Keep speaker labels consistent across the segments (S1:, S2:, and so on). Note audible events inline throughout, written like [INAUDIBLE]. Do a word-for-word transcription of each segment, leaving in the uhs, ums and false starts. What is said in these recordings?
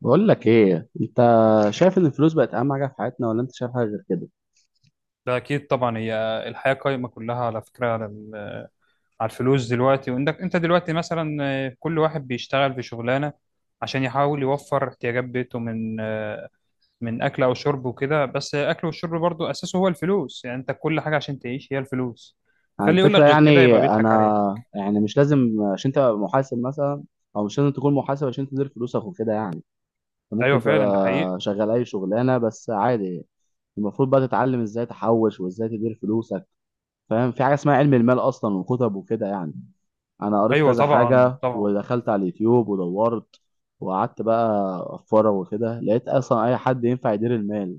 S1: بقول لك ايه انت، شايف ان الفلوس بقت اهم حاجه في حياتنا ولا انت شايف حاجه غير كده؟
S2: ده اكيد طبعا. هي الحياه قايمه كلها على فكره، على ال- على الفلوس دلوقتي. وانك انت دلوقتي مثلا، آه، كل واحد بيشتغل في شغلانه عشان يحاول يوفر احتياجات بيته من آه، من اكل او شرب وكده. بس اكل والشرب برضو اساسه هو الفلوس. يعني انت كل حاجه عشان تعيش هي الفلوس.
S1: على
S2: فاللي يقول لك
S1: الفكره،
S2: غير كده
S1: يعني
S2: يبقى بيضحك عليك.
S1: انا يعني مش لازم عشان تبقى محاسب مثلا، او مش لازم تكون محاسب عشان تدير فلوسك وكده يعني. أنت
S2: ايوه،
S1: ممكن
S2: فعلا ده حقيقي.
S1: تبقى شغال اي شغلانه بس عادي. المفروض بقى تتعلم ازاي تحوش وازاي تدير فلوسك. فاهم؟ في حاجه اسمها علم المال اصلا، وكتب وكده يعني. انا قريت
S2: ايوه
S1: كذا
S2: طبعا،
S1: حاجه
S2: طبعا.
S1: ودخلت على اليوتيوب ودورت، وقعدت بقى اتفرج وكده، لقيت اصلا اي حد ينفع يدير المال.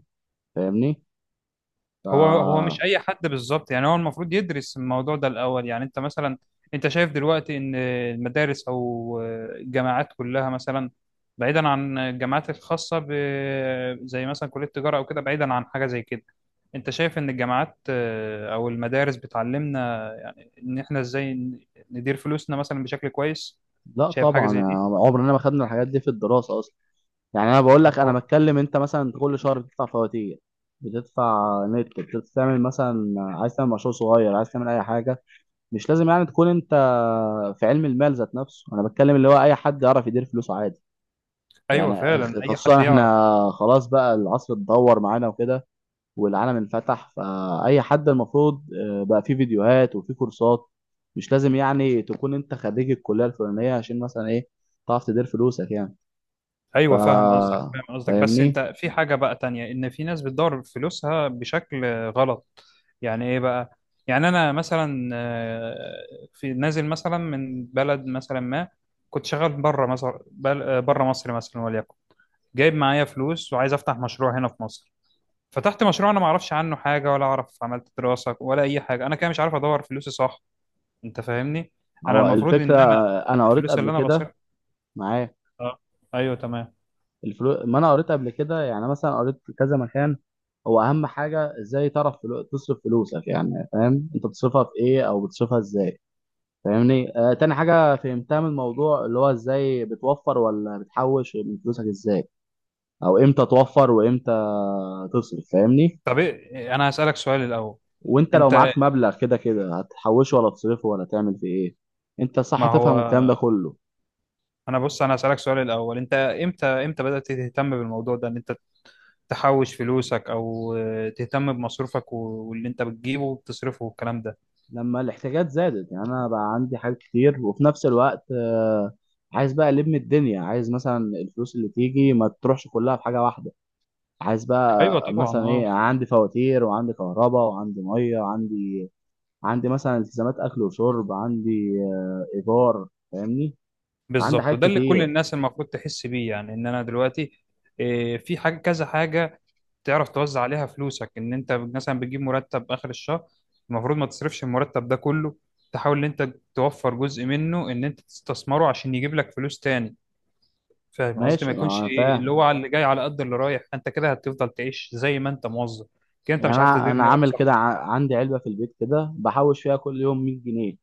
S1: فاهمني؟ ف...
S2: هو هو مش اي حد بالظبط. يعني هو المفروض يدرس الموضوع ده الاول. يعني انت مثلا، انت شايف دلوقتي ان المدارس او الجامعات كلها مثلا، بعيدا عن الجامعات الخاصه ب... زي مثلا كليه التجاره او كده، بعيدا عن حاجه زي كده. انت شايف ان الجامعات، آه، او المدارس بتعلمنا ان احنا ازاي ن- ندير فلوسنا مثلا بشكل كويس؟
S1: لا
S2: شايف حاجه
S1: طبعا
S2: زي
S1: يعني،
S2: دي؟
S1: عمرنا ما خدنا الحاجات دي في الدراسة أصلا. يعني أنا بقول لك، أنا
S2: هو-
S1: بتكلم، أنت مثلا كل شهر بتدفع فواتير، بتدفع نت، بتعمل مثلا عايز تعمل مشروع صغير، عايز تعمل أي حاجة، مش لازم يعني تكون أنت في علم المال ذات نفسه. أنا بتكلم اللي هو أي حد يعرف يدير فلوسه عادي،
S2: ايوه
S1: يعني
S2: فعلا، اي حد
S1: خصوصا إحنا
S2: يعرف.
S1: خلاص بقى العصر اتدهور معانا وكده، والعالم انفتح. فأي حد المفروض، آه، بقى فيه فيديوهات وفيه كورسات. مش لازم يعني تكون أنت خريج الكلية الفلانية عشان مثلا إيه تعرف تدير فلوسك يعني. ف
S2: ايوه، فاهم قصدك، فاهم قصدك. بس
S1: فاهمني؟
S2: انت في حاجه بقى تانية، ان في ناس بتدور فلوسها بشكل غلط. يعني ايه بقى؟ يعني انا مثلا، آه، في نازل مثلا من بلد مثلا ما كنت شغال بره مصر، بره مصر مثلا وليكن، جايب معايا فلوس وعايز افتح مشروع هنا في مصر. فتحت مشروع انا ما اعرفش عنه حاجه، ولا اعرف عملت دراسه ولا اي حاجه. انا كده مش عارف ادور فلوسي صح. انت فاهمني؟ انا
S1: هو
S2: المفروض
S1: الفكرة،
S2: ان انا
S1: آه، أنا قريت
S2: الفلوس اللي
S1: قبل
S2: انا
S1: كده
S2: بصرف.
S1: معاه
S2: اه. ايوه تمام.
S1: الفلوس. ما أنا قريت قبل كده يعني، مثلا قريت في كذا مكان، هو أهم حاجة إزاي تعرف فلو... تصرف فلوسك، يعني فاهم أنت بتصرفها في إيه أو بتصرفها إزاي. فاهمني؟ آه، تاني حاجة فهمتها من الموضوع اللي هو إزاي بتوفر ولا بتحوش من فلوسك إزاي، او امتى توفر وامتى تصرف. فاهمني؟
S2: طب، إيه- انا هسالك سؤال الاول.
S1: وانت لو
S2: انت،
S1: معاك مبلغ كده كده هتحوشه ولا تصرفه ولا تعمل فيه ايه؟ انت صح
S2: ما هو
S1: تفهم الكلام ده كله؟
S2: انا بص، انا هسألك سؤال الاول. انت امتى امتى بدأت تهتم بالموضوع ده، ان انت تحوش فلوسك او تهتم بمصروفك و- واللي انت بتجيبه وبتصرفه والكلام ده؟
S1: لما الاحتياجات زادت، يعني انا بقى عندي حاجات كتير، وفي نفس الوقت آه، عايز بقى الم الدنيا، عايز مثلا الفلوس اللي تيجي ما تروحش كلها في حاجه واحده. عايز بقى،
S2: ايوه
S1: آه،
S2: طبعا.
S1: مثلا ايه،
S2: اه،
S1: عندي فواتير وعندي كهرباء وعندي ميه، وعندي عندي مثلا التزامات اكل وشرب، عندي آه، ايجار، فاهمني؟ عندي
S2: بالظبط،
S1: حاجات
S2: وده اللي كل
S1: كتير.
S2: الناس المفروض تحس بيه. يعني ان انا دلوقتي، إيه، في حاجة، كذا حاجة تعرف توزع عليها فلوسك. ان انت مثلا بتجيب مرتب اخر الشهر، المفروض ما تصرفش المرتب ده كله. تحاول ان انت توفر جزء منه، ان انت تستثمره عشان يجيب لك فلوس تاني. فاهم قصدي؟ ما
S1: ماشي
S2: يكونش
S1: انا
S2: ايه اللي
S1: فاهم.
S2: هو على اللي جاي على قد اللي رايح. انت كده هتفضل تعيش زي ما انت موظف، كده انت
S1: يعني
S2: مش عارف
S1: انا
S2: تدير
S1: انا
S2: مالك
S1: عامل
S2: صح.
S1: كده، ع- عندي علبه في البيت كده بحوش فيها كل يوم مية جنيه.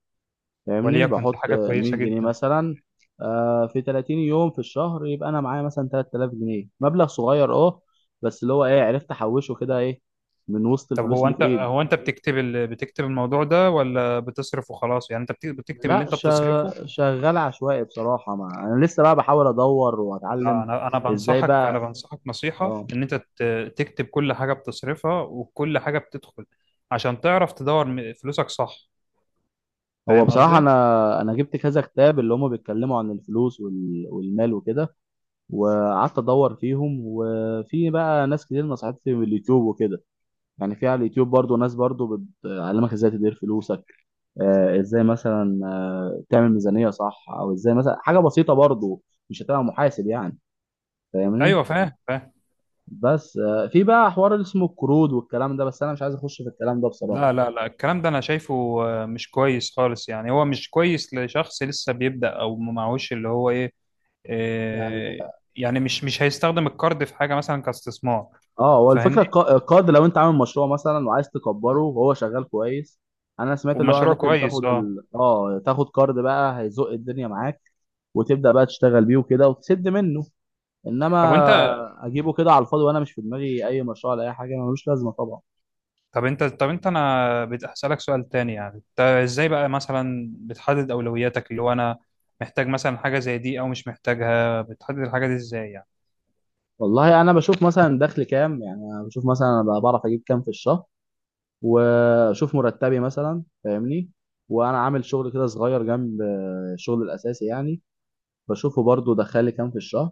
S1: فاهمني؟
S2: وليكن دي
S1: بحط،
S2: حاجه
S1: آه،
S2: كويسه
S1: مية جنيه
S2: جدا.
S1: مثلا، آه، في تلاتين يوم في الشهر، يبقى انا معايا مثلا تلات تلاف جنيه، مبلغ صغير اه. بس اللي هو ايه، عرفت احوشه كده ايه، من وسط
S2: طب
S1: الفلوس
S2: هو
S1: اللي في
S2: انت
S1: ايدي.
S2: هو انت بتكتب ال... بتكتب الموضوع ده، ولا بتصرف وخلاص؟ يعني انت بت- بتكتب اللي
S1: لا
S2: انت بتصرفه؟
S1: شغ- شغال عشوائي بصراحه، مع انا لسه بقى بحاول ادور
S2: لا،
S1: واتعلم.
S2: انا انا
S1: ازاي
S2: بنصحك، انا
S1: بقى؟
S2: بنصحك نصيحه
S1: اه.
S2: ان انت ت- تكتب كل حاجه بتصرفها وكل حاجه بتدخل عشان تعرف تدور م- فلوسك صح.
S1: هو
S2: فاهم
S1: بصراحه
S2: قصدي؟
S1: انا انا جبت كذا كتاب اللي هم بيتكلموا عن الفلوس وال- والمال وكده، وقعدت ادور فيهم، وفي بقى ناس كتير نصحتني من اليوتيوب وكده. يعني في على اليوتيوب برضو ناس برضو بتعلمك ازاي تدير فلوسك. آه، ازاي مثلا آه، تعمل ميزانية صح، او ازاي مثلا حاجة بسيطة برضو، مش هتبقى محاسب يعني،
S2: ايوه،
S1: فاهمني؟
S2: فاهم فاهم.
S1: بس، آه، في بقى حوار اللي اسمه القروض والكلام ده، بس انا مش عايز اخش في الكلام ده بصراحة
S2: لا، لا، لا، الكلام ده انا شايفه آه، مش كويس خالص. يعني هو مش كويس لشخص لسه بيبدأ او ما معهوش اللي هو ايه،
S1: يعني.
S2: آه، يعني مش مش هيستخدم الكارد في حاجة مثلا كاستثمار.
S1: اه، هو الفكره
S2: فاهمني؟
S1: الق- القرض لو انت عامل مشروع مثلا وعايز تكبره وهو شغال كويس، انا سمعت اللي هو
S2: ومشروع
S1: ممكن تاخد،
S2: كويس. اه.
S1: ال... اه تاخد قرض بقى هيزق الدنيا معاك، وتبدا بقى تشتغل بيه وكده وتسد منه.
S2: طب وانت
S1: انما اجيبه كده على الفاضي وانا مش في دماغي اي مشروع ولا اي حاجه، ملوش لازمه طبعا.
S2: طب انت طب انت انا بسألك سؤال تاني. يعني انت ازاي بقى مثلا بتحدد اولوياتك، اللي هو انا محتاج مثلا حاجة زي دي او مش محتاجها، بتحدد الحاجة دي ازاي يعني؟
S1: والله انا بشوف مثلا دخل كام، يعني انا بشوف مثلا انا بقى بعرف اجيب كام في الشهر، واشوف مرتبي مثلا، فاهمني؟ وانا عامل شغل كده صغير جنب الشغل الاساسي يعني، بشوفه برضو دخل لي كام في الشهر.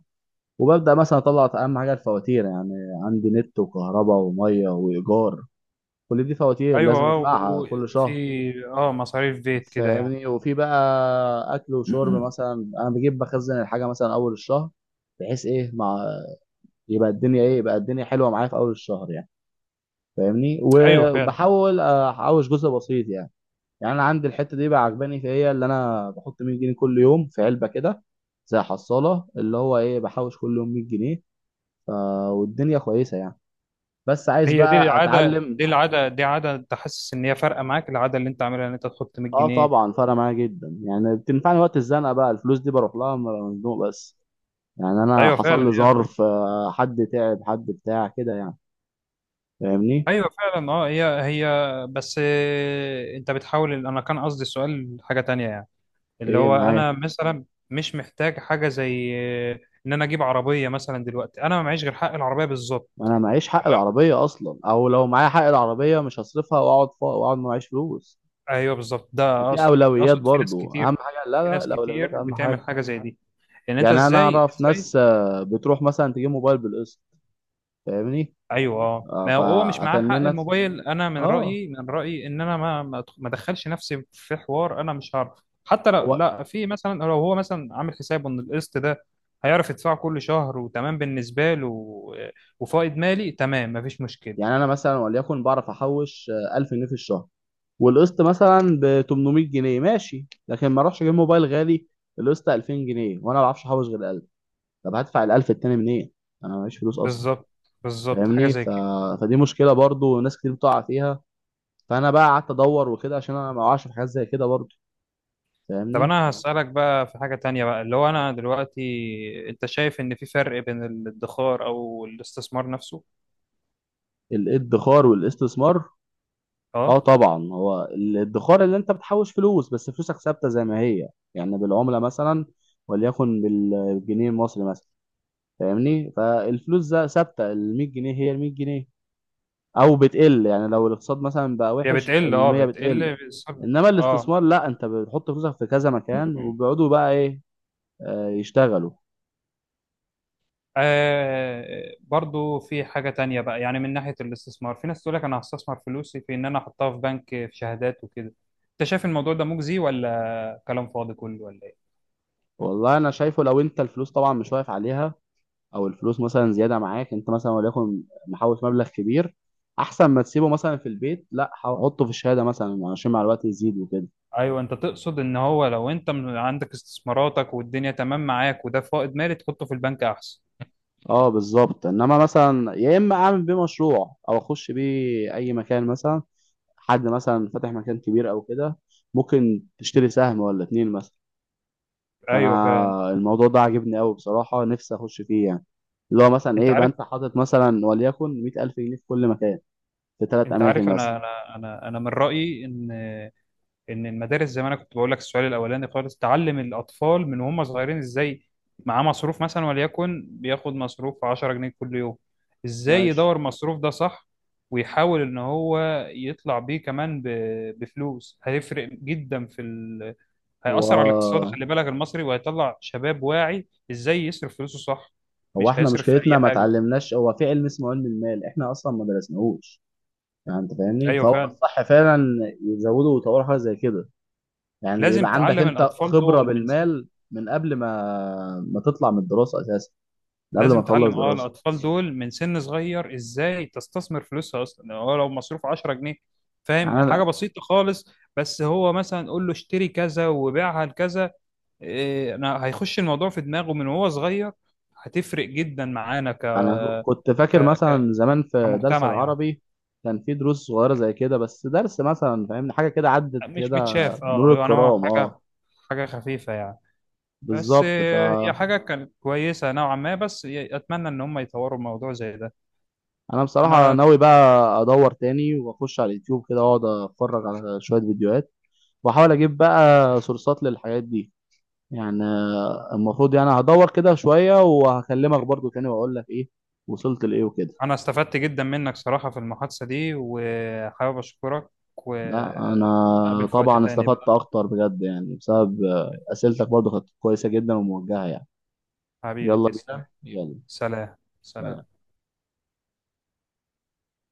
S1: وببدا مثلا اطلع اهم حاجه الفواتير، يعني عندي نت وكهرباء وميه وايجار، كل دي فواتير لازم
S2: ايوه،
S1: ادفعها كل
S2: وفي.
S1: شهر.
S2: اه، مصاريف بيت كده يعني.
S1: فاهمني؟ وفي بقى اكل وشرب، مثلا انا بجيب بخزن الحاجه مثلا اول الشهر، بحيث ايه، مع يبقى الدنيا ايه، يبقى الدنيا حلوه معايا في اول الشهر يعني، فاهمني؟
S2: [CLEARS THROAT] ايوه فعلا.
S1: وبحاول احوش جزء بسيط يعني. يعني انا عندي الحته دي بقى عجباني في هي اللي انا بحط مية جنيه كل يوم في علبه كده، زي حصاله، اللي هو ايه، بحوش كل يوم مية جنيه. ف... والدنيا كويسه يعني، بس عايز
S2: هي دي
S1: بقى
S2: العاده،
S1: اتعلم.
S2: دي العاده، دي عاده انت حاسس ان هي فارقه معاك، العاده اللي انت عاملها ان انت تحط 100
S1: اه
S2: جنيه
S1: طبعا، فرق معايا جدا يعني، بتنفعني وقت الزنقه، بقى الفلوس دي بروح لها لما أبقى مزنوق بس. يعني انا
S2: ايوه فعلا،
S1: حصل لي
S2: هي حاجة-
S1: ظرف، آه، حد تعب، حد بتاع كده يعني، فاهمني؟
S2: ايوه فعلا، اه هي هي. بس، آه، انت بتحاول انا كان قصدي السؤال حاجه تانية يعني، اللي
S1: ايه
S2: هو
S1: معايا.
S2: انا مثلا مش محتاج حاجه زي، آه، ان انا اجيب عربيه مثلا دلوقتي. انا ما معيش غير حق العربيه بالظبط.
S1: انا معيش حق
S2: تمام،
S1: العربيه اصلا، او لو معايا حق العربيه مش هصرفها واقعد فا... واقعد ما معيش فلوس.
S2: ايوه بالظبط، ده
S1: في
S2: اقصد
S1: اولويات
S2: اقصد في ناس
S1: برضو اهم
S2: كتير،
S1: حاجه. لا
S2: في
S1: لا،
S2: ناس
S1: الاولويات
S2: كتير
S1: اهم
S2: بتعمل
S1: حاجه.
S2: حاجه زي دي. يعني انت
S1: يعني انا
S2: ازاي
S1: اعرف
S2: ازاي
S1: ناس آه، بتروح مثلا تجيب موبايل بالقسط، فاهمني؟
S2: ايوه اه.
S1: آه،
S2: ما هو هو مش معاه حق
S1: فاتننت.
S2: الموبايل. انا من
S1: اه
S2: رايي، من رايي ان انا ما ما أدخ- ما ادخلش نفسي في حوار، انا مش هعرف. حتى لو،
S1: هو.
S2: لا، في مثلا لو هو مثلا عامل حسابه ان القسط ده هيعرف يدفعه كل شهر وتمام بالنسبه له و- وفائض مالي تمام، مفيش مشكله.
S1: يعني انا مثلا وليكن بعرف احوش، آه، ألف جنيه في الشهر، والقسط مثلا ب تمن ميه جنيه ماشي، لكن ما اروحش اجيب موبايل غالي القسط ألفين جنيه وانا ما بعرفش احوش غير ألف. طب هدفع ال ألف التاني منين؟ انا معيش فلوس اصلا،
S2: بالظبط، بالظبط، حاجه
S1: فاهمني؟
S2: زي
S1: ف...
S2: كده.
S1: فدي مشكله برضو ناس كتير بتقع فيها. فانا بقى قعدت ادور وكده عشان انا ما اقعش في حاجات زي كده برضو.
S2: طب
S1: فاهمني؟
S2: انا هسالك بقى في حاجه تانية بقى، اللي هو انا دلوقتي، انت شايف ان في فرق بين الادخار او الاستثمار نفسه؟
S1: الادخار والاستثمار؟ اه
S2: اه،
S1: طبعا، هو الادخار اللي انت بتحوش فلوس بس فلوسك ثابته زي ما هي، يعني بالعمله مثلا وليكن، بال- بالجنيه المصري مثلا، فاهمني؟ فالفلوس ده ثابته، ال مية جنيه هي ال مية جنيه، او بتقل يعني لو الاقتصاد مثلا بقى
S2: هي
S1: وحش
S2: بتقل، اه
S1: المية بتقل.
S2: بتقل بسبب-
S1: انما
S2: اه.
S1: الاستثمار لا، انت بتحط فلوسك في كذا مكان وبيقعدوا بقى ايه، آه، يشتغلوا.
S2: آه برضو في حاجة تانية بقى، يعني من ناحية الاستثمار، في ناس تقول لك أنا هستثمر فلوسي في إن أنا أحطها في بنك، في شهادات وكده. أنت شايف الموضوع ده مجزي، ولا كلام فاضي كله، ولا إيه؟
S1: والله انا شايفه، لو انت الفلوس طبعا مش واقف عليها، او الفلوس مثلا زياده معاك، انت مثلا وليكن محوش مبلغ كبير، احسن ما تسيبه مثلا في البيت، لا حطه في الشهاده مثلا عشان مع الوقت يزيد وكده.
S2: أيوه، أنت تقصد إن هو لو أنت من- عندك استثماراتك والدنيا تمام معاك، وده فائض مالي تحطه في البنك أحسن.
S1: اه بالظبط، انما مثلا يا اما اعمل بيه مشروع، او اخش بيه اي مكان مثلا، حد مثلا فاتح مكان كبير او كده، ممكن تشتري سهم ولا اتنين مثلا.
S2: أيوه فعلا.
S1: فانا الموضوع ده عاجبني قوي بصراحه، نفسي اخش فيه يعني، اللي هو مثلا ايه،
S2: أنت عارف
S1: يبقى
S2: اه
S1: انت حاطط مثلا وليكن مائة ألف جنيه في كل مكان، في ثلاث
S2: أنت
S1: اماكن
S2: عارف
S1: مثلا.
S2: أنا أنا أنا أنا من رأيي إن ان المدارس، زي ما انا كنت بقول لك السؤال الاولاني خالص، تعلم الاطفال من وهم صغيرين ازاي، معاه مصروف مثلا وليكن بياخد مصروف عشرة جنيه كل يوم، ازاي
S1: ماشي.
S2: يدور مصروف ده صح، ويحاول ان هو يطلع بيه كمان ب- بفلوس، هيفرق جدا في ال... هيأثر على الاقتصاد،
S1: هو
S2: خلي بالك المصري، وهيطلع شباب واعي ازاي يصرف فلوسه صح.
S1: هو
S2: مش
S1: احنا
S2: هيصرف في اي
S1: مشكلتنا ما
S2: حاجة.
S1: اتعلمناش، هو في علم اسمه علم المال احنا اصلا ما درسناهوش يعني، انت فاهمني؟
S2: ايوه
S1: فهو
S2: فعلا.
S1: الصح فعلا يزودوا ويطوروا حاجه زي كده. يعني
S2: لازم
S1: يبقى عندك
S2: تعلم
S1: انت
S2: الاطفال
S1: خبره
S2: دول من
S1: بالمال من قبل ما ما تطلع من الدراسه اساسا، ده قبل ما
S2: لازم
S1: اخلص
S2: تعلم اه
S1: دراسه
S2: الاطفال دول من سن صغير ازاي تستثمر فلوسها اصلا، هو لو مصروف عشرة جنيه،
S1: يعني.
S2: فاهم، حاجه
S1: انا
S2: بسيطه خالص، بس هو مثلا قول له اشتري كذا وبيعها لكذا. إيه انا هيخش الموضوع في دماغه من وهو صغير. هتفرق جدا معانا ك...
S1: انا كنت
S2: ك...
S1: فاكر
S2: ك...
S1: مثلا زمان في درس
S2: كمجتمع يعني.
S1: العربي، كان في دروس صغيره زي كده بس، درس مثلا فاهمني حاجه كده عدت
S2: مش
S1: كده
S2: متشاف، اه
S1: مرور
S2: يعني هو
S1: الكرام. اه
S2: حاجه، حاجه خفيفه يعني. بس،
S1: بالظبط.
S2: إيه، هي
S1: فانا
S2: حاجه كانت كويسه نوعا ما، بس اتمنى ان هم يطوروا الموضوع زي ده.
S1: بصراحه
S2: انا
S1: ناوي بقى ادور تاني، واخش على اليوتيوب كده واقعد اتفرج على شويه فيديوهات، واحاول اجيب بقى سورسات للحاجات دي. يعني، آه، المفروض يعني هدور كده شويه وهكلمك برضو تاني واقول لك ايه وصلت لايه وكده.
S2: أنا استفدت جدا منك صراحة في المحادثة دي، وحابب أشكرك
S1: لا انا
S2: وأتقابل في وقت
S1: طبعا
S2: تاني
S1: استفدت
S2: بقى.
S1: اكتر بجد يعني، بسبب آه، اسئلتك برضو كانت كويسه جدا وموجهه يعني.
S2: حبيبي،
S1: يلا
S2: تسلم.
S1: بينا يلا.
S2: سلام. سلام.